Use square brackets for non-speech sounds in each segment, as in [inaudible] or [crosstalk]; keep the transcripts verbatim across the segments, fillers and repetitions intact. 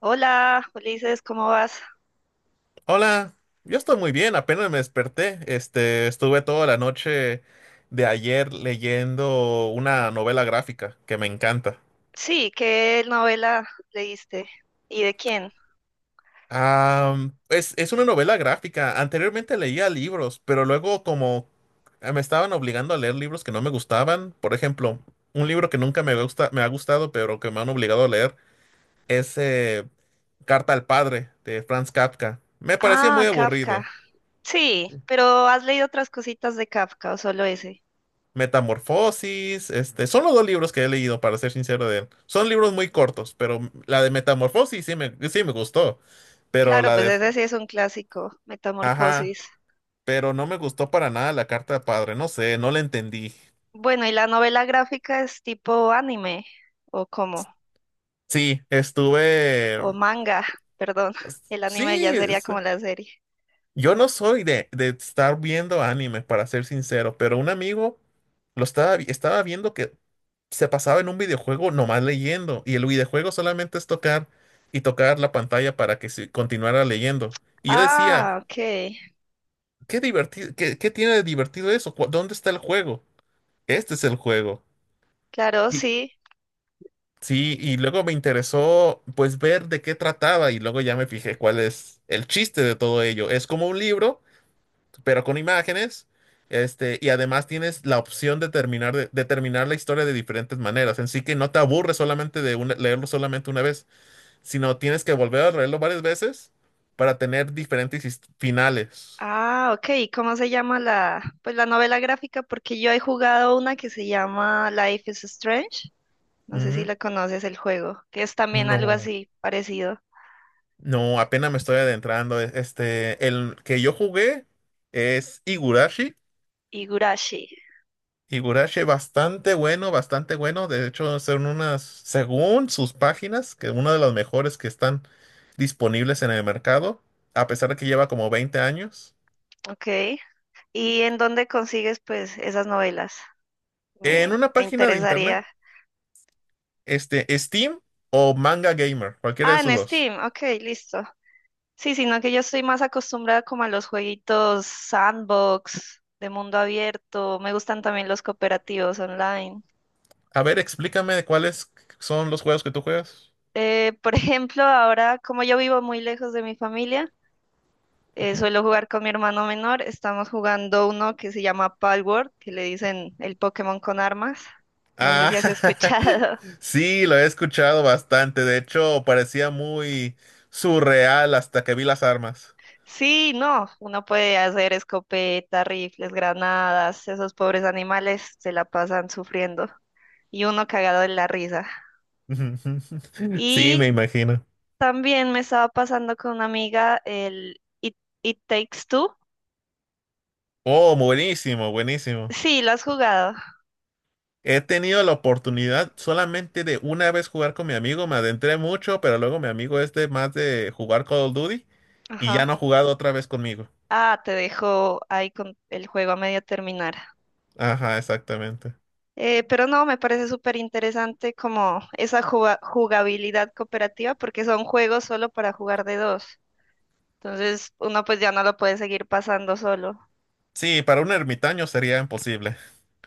Hola, Ulises, ¿cómo vas? Hola, yo estoy muy bien, apenas me desperté. Este, estuve toda la noche de ayer leyendo una novela gráfica que me encanta. Sí, ¿qué novela leíste? ¿Y de quién? Am, es, es una novela gráfica. Anteriormente leía libros, pero luego como eh, me estaban obligando a leer libros que no me gustaban. Por ejemplo, un libro que nunca me gusta, me ha gustado, pero que me han obligado a leer es eh, Carta al Padre de Franz Kafka. Me parecía Ah, muy Kafka. aburrido. Sí, pero ¿has leído otras cositas de Kafka o solo ese? Metamorfosis, este, son los dos libros que he leído, para ser sincero de él. Son libros muy cortos, pero la de Metamorfosis sí me, sí me gustó, pero Claro, la pues de, ese sí es un clásico, ajá, Metamorfosis. pero no me gustó para nada la carta de padre, no sé, no la entendí. Bueno, ¿y la novela gráfica es tipo anime o cómo? Sí, estuve, O manga, perdón. El anime sí, ya sería como la serie. yo no soy de, de estar viendo anime, para ser sincero, pero un amigo lo estaba, vi- estaba viendo que se pasaba en un videojuego nomás leyendo, y el videojuego solamente es tocar y tocar la pantalla para que se continuara leyendo. Y yo decía, Ah, ok. qué divertido, qué, ¿qué tiene de divertido eso? ¿Cu- ¿Dónde está el juego? Este es el juego. Claro, Y sí. sí, y luego me interesó pues ver de qué trataba, y luego ya me fijé cuál es el chiste de todo ello. Es como un libro pero con imágenes. Este, y además tienes la opción de terminar, de, de terminar la historia de diferentes maneras. En sí que no te aburres solamente de una- leerlo solamente una vez, sino tienes que volver a leerlo varias veces para tener diferentes his- finales. Ah, ok. ¿Y cómo se llama la, pues la novela gráfica? Porque yo he jugado una que se llama Life is Strange. No sé si Ujú. la conoces el juego, que es también algo No, así parecido. no, apenas me estoy adentrando. e- Este, el que yo jugué es Higurashi. Higurashi, Higurashi bastante bueno, bastante bueno. De hecho, son unas, según sus páginas, que una de las mejores que están disponibles en el mercado, a pesar de que lleva como veinte años. ok. ¿Y en dónde consigues pues esas novelas? En Me, una me página de internet, interesaría. este, Steam o Manga Gamer, cualquiera de Ah, esos en dos. Steam, ok, listo. Sí, sino que yo estoy más acostumbrada como a los jueguitos sandbox, de mundo abierto. Me gustan también los cooperativos online. A ver, explícame de cuáles son los juegos que tú juegas. Eh, por ejemplo, ahora como yo vivo muy lejos de mi familia, eh, Ujú. suelo jugar con mi hermano menor. Estamos jugando uno que se llama Palworld, que le dicen el Pokémon con armas. No sé Ah, si has [laughs] escuchado. [laughs] sí, lo he escuchado bastante. De hecho, parecía muy surreal hasta que vi las armas. Sí, no, uno puede hacer escopeta, rifles, granadas. Esos pobres animales se la pasan sufriendo y uno cagado de la risa. [laughs] Sí, me Y imagino. también me estaba pasando con una amiga el It, It Takes Two. Oh, buenísimo, buenísimo. Sí, lo has jugado. He tenido la oportunidad solamente de una vez jugar con mi amigo, me adentré mucho, pero luego mi amigo es de más de jugar Call of Duty y ya no Ajá. ha jugado otra vez conmigo. Ah, te dejo ahí con el juego a medio terminar. Ajá, exactamente. Eh, pero no, me parece súper interesante como esa juga- jugabilidad cooperativa porque son juegos solo para jugar de dos. Entonces uno pues ya no lo puede seguir pasando solo. Sí, para un ermitaño sería imposible.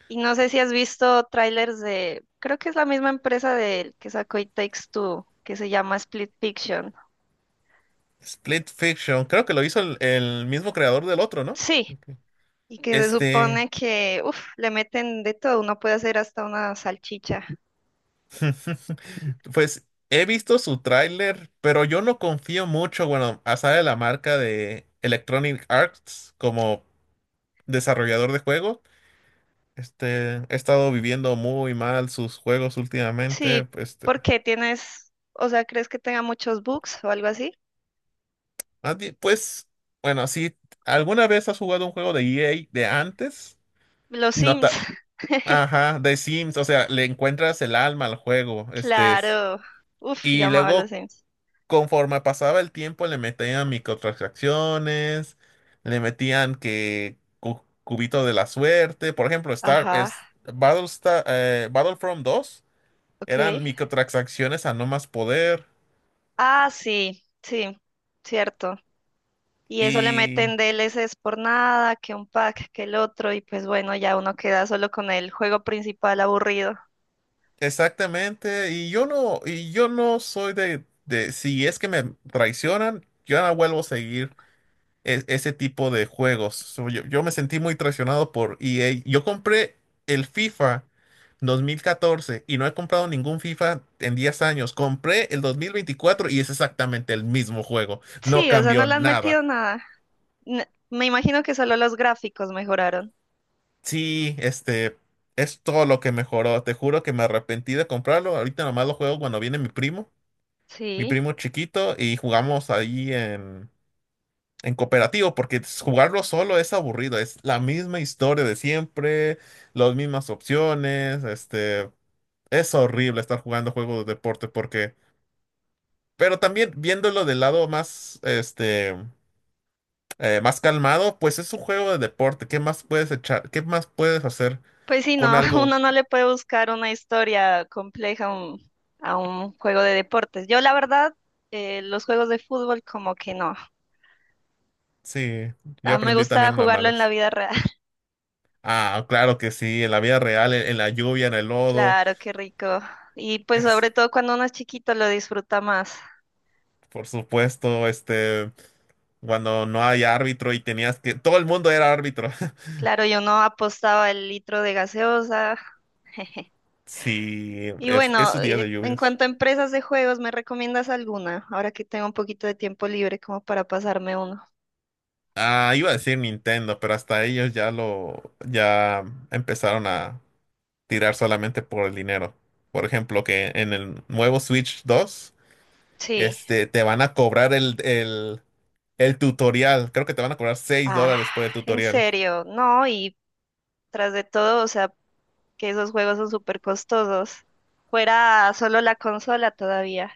Y no sé si has visto trailers de, creo que es la misma empresa del que sacó It Takes Two, que se llama Split Fiction. Split Fiction, creo que lo hizo el, el mismo creador del otro, ¿no? Sí, Ok. y que se Este, supone que, uff, le meten de todo, uno puede hacer hasta una salchicha. [laughs] pues he visto su tráiler, pero yo no confío mucho, bueno, a saber la marca de Electronic Arts como desarrollador de juegos. Este, he estado viviendo muy mal sus juegos últimamente. Sí, pues, Este, porque tienes, o sea, ¿crees que tenga muchos bugs o algo así? más bien, pues, bueno, si alguna vez has jugado un juego de E A de antes, Los Sims. nota, [laughs] ajá, de Sims, o sea, le encuentras el alma al juego, este, es- Claro. Uf, yo y amaba los luego Sims. conforme pasaba el tiempo le metían microtransacciones, le metían que cu- cubito de la suerte, por ejemplo, Star Ajá, es Battlestar, eh, Battlefront dos ok. eran microtransacciones a no más poder Ah, sí, sí, cierto. Y eso le y meten D L D L C s por nada, que un pack, que el otro, y pues bueno, ya uno queda solo con el juego principal aburrido. exactamente y yo no y yo no soy de de si es que me traicionan, yo no vuelvo a seguir e- ese tipo de juegos. So, yo, yo me sentí muy traicionado por E A. Yo compré el FIFA dos mil catorce y no he comprado ningún FIFA en diez años. Compré el dos mil veinticuatro y es exactamente el mismo juego. No Sí, o sea, no cambió le han metido nada. nada. N- Me imagino que solo los gráficos mejoraron. Sí, este es todo lo que mejoró. Te juro que me arrepentí de comprarlo. Ahorita nomás lo juego cuando viene mi primo, mi Sí. primo chiquito, y jugamos ahí en cooperativo, porque jugarlo solo es aburrido, es la misma historia de siempre, las mismas opciones, este, es horrible estar jugando juegos de deporte porque, pero también viéndolo del lado más, este, eh, más calmado, pues es un juego de deporte, ¿qué más puedes echar? ¿Qué más puedes hacer Pues sí, con no, [laughs] algo? uno no le puede buscar una historia compleja a un, a un juego de deportes. Yo, la verdad, eh, los juegos de fútbol como que no. Sí, yo Ah, me aprendí gusta también en las jugarlo en la malas. vida real. [laughs] Ah, claro que sí, en la vida real, en, en la lluvia, en el lodo, Claro, qué rico. Y pues es, sobre todo cuando uno es chiquito lo disfruta más. por supuesto, este... cuando no hay árbitro y tenías que... Todo el mundo era árbitro. [laughs] Claro, yo no apostaba el litro de gaseosa. [laughs] Sí, Y es, bueno, esos días eh, de en lluvias. cuanto a empresas de juegos, ¿me recomiendas alguna? Ahora que tengo un poquito de tiempo libre como para pasarme uno. Ah, iba a decir Nintendo, pero hasta ellos ya lo... ya empezaron a tirar solamente por el dinero. Por ejemplo, que en el nuevo Switch dos, Sí. este, te van a cobrar el, el, el tutorial. Creo que te van a cobrar seis Ah, dólares por el en tutorial. serio, no, y tras de todo, o sea, que esos juegos son súper costosos. Fuera solo la consola todavía,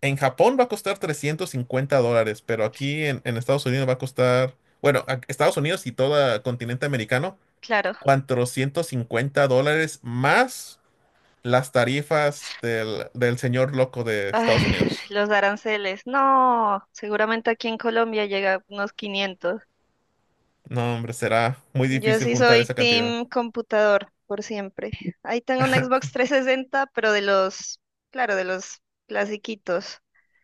En Japón va a costar trescientos cincuenta dólares, pero aquí en, en Estados Unidos va a costar... Bueno, a- Estados Unidos y todo continente americano claro. cuatrocientos cincuenta dólares más las tarifas del, del señor loco de Estados Ay, Unidos. los aranceles, no, seguramente aquí en Colombia llega a unos quinientos. No, hombre, será muy Yo difícil sí juntar soy esa cantidad. team computador por siempre. Ahí tengo un Xbox [laughs] trescientos sesenta, pero de los, claro, de los clasiquitos,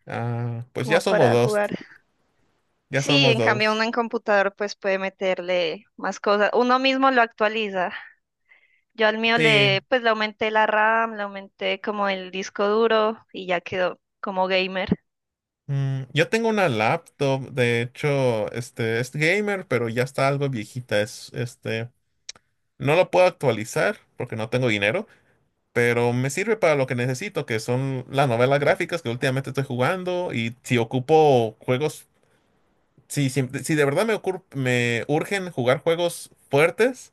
Ah, pues como ya somos para dos, jugar. ya Sí, somos en cambio uno en dos. computador pues puede meterle más cosas. Uno mismo lo actualiza. Yo al mío Sí, le, pues le aumenté la RAM, le aumenté como el disco duro y ya quedó como gamer. mm, yo tengo una laptop, de hecho, este es gamer, pero ya está algo viejita. Es, este, no lo puedo actualizar porque no tengo dinero, pero me sirve para lo que necesito, que son las novelas gráficas que últimamente estoy jugando y si ocupo juegos. Si, si si de verdad me, ocur- me urgen jugar juegos fuertes,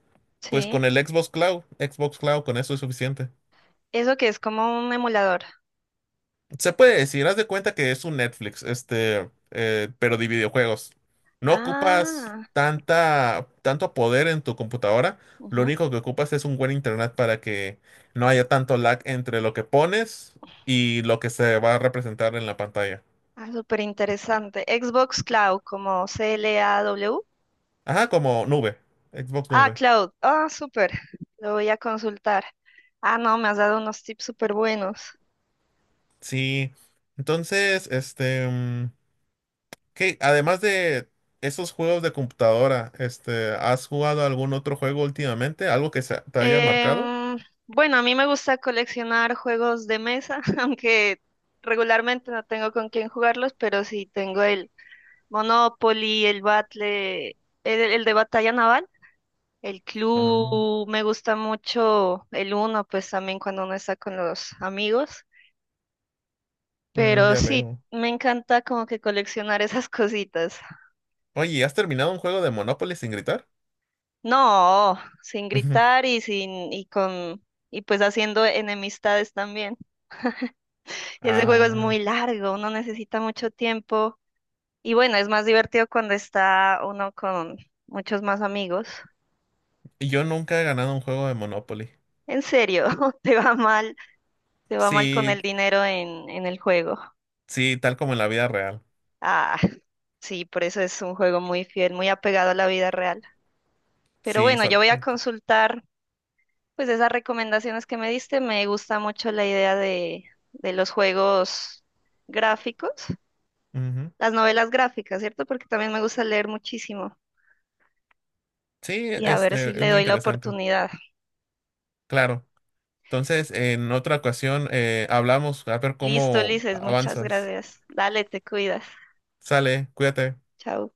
pues Sí. con el Xbox Cloud, Xbox Cloud, con eso es suficiente. Eso que es como un emulador. Se puede decir, haz de cuenta que es un Netflix, este, eh, pero de videojuegos. No ocupas Ah, tanta, tanto poder en tu computadora. Lo ujú. único que ocupas es un buen internet para que no haya tanto lag entre lo que pones y lo que se va a representar en la pantalla. Ah, súper interesante. Xbox Cloud, como C L A W. Ajá, como nube, Xbox Ah, Nube. Cloud. Ah, súper. Lo voy a consultar. Ah, no, me has dado unos tips súper buenos. Sí. Entonces, este. mm, ¿qué? Además de esos juegos de computadora, este, ¿has jugado algún otro juego últimamente? ¿Algo que se- te haya marcado? Em, bueno, a mí me gusta coleccionar juegos de mesa, [laughs] aunque regularmente no tengo con quién jugarlos, pero sí tengo el Monopoly, el Battle, el, el de batalla naval, el Ah, Clue, me gusta mucho el Uno, pues también cuando uno está con los amigos, mm, pero ya sí, veo. me encanta como que coleccionar esas [laughs] cositas. Oye, ¿y ¿has terminado un juego de Monopoly sin gritar? No, sin Ujú. gritar y sin, y con, y pues haciendo enemistades también. Ese juego es Ah, muy largo, uno necesita mucho tiempo. Y bueno, es más divertido cuando está uno con muchos más amigos. yo nunca he ganado un juego de Monopoly. En serio, [laughs] te va mal, te va mal con Sí, el dinero en, en el juego. sí, tal como en la vida real. Ah, sí, por eso es un juego muy fiel, muy apegado a la vida real. Pero Sí, bueno, yo voy a solamente. consultar. Pues esas recomendaciones que me diste, me gusta mucho la idea de, de los juegos gráficos, Ujú. las novelas gráficas, ¿cierto? Porque también me gusta leer muchísimo Sí, y a ver si este, es le muy doy la interesante. oportunidad. Claro. Entonces, en otra ocasión, eh, hablamos a ver Listo, cómo Ulises, muchas avanzas. gracias. Dale, te cuidas. Sale, cuídate. Chao.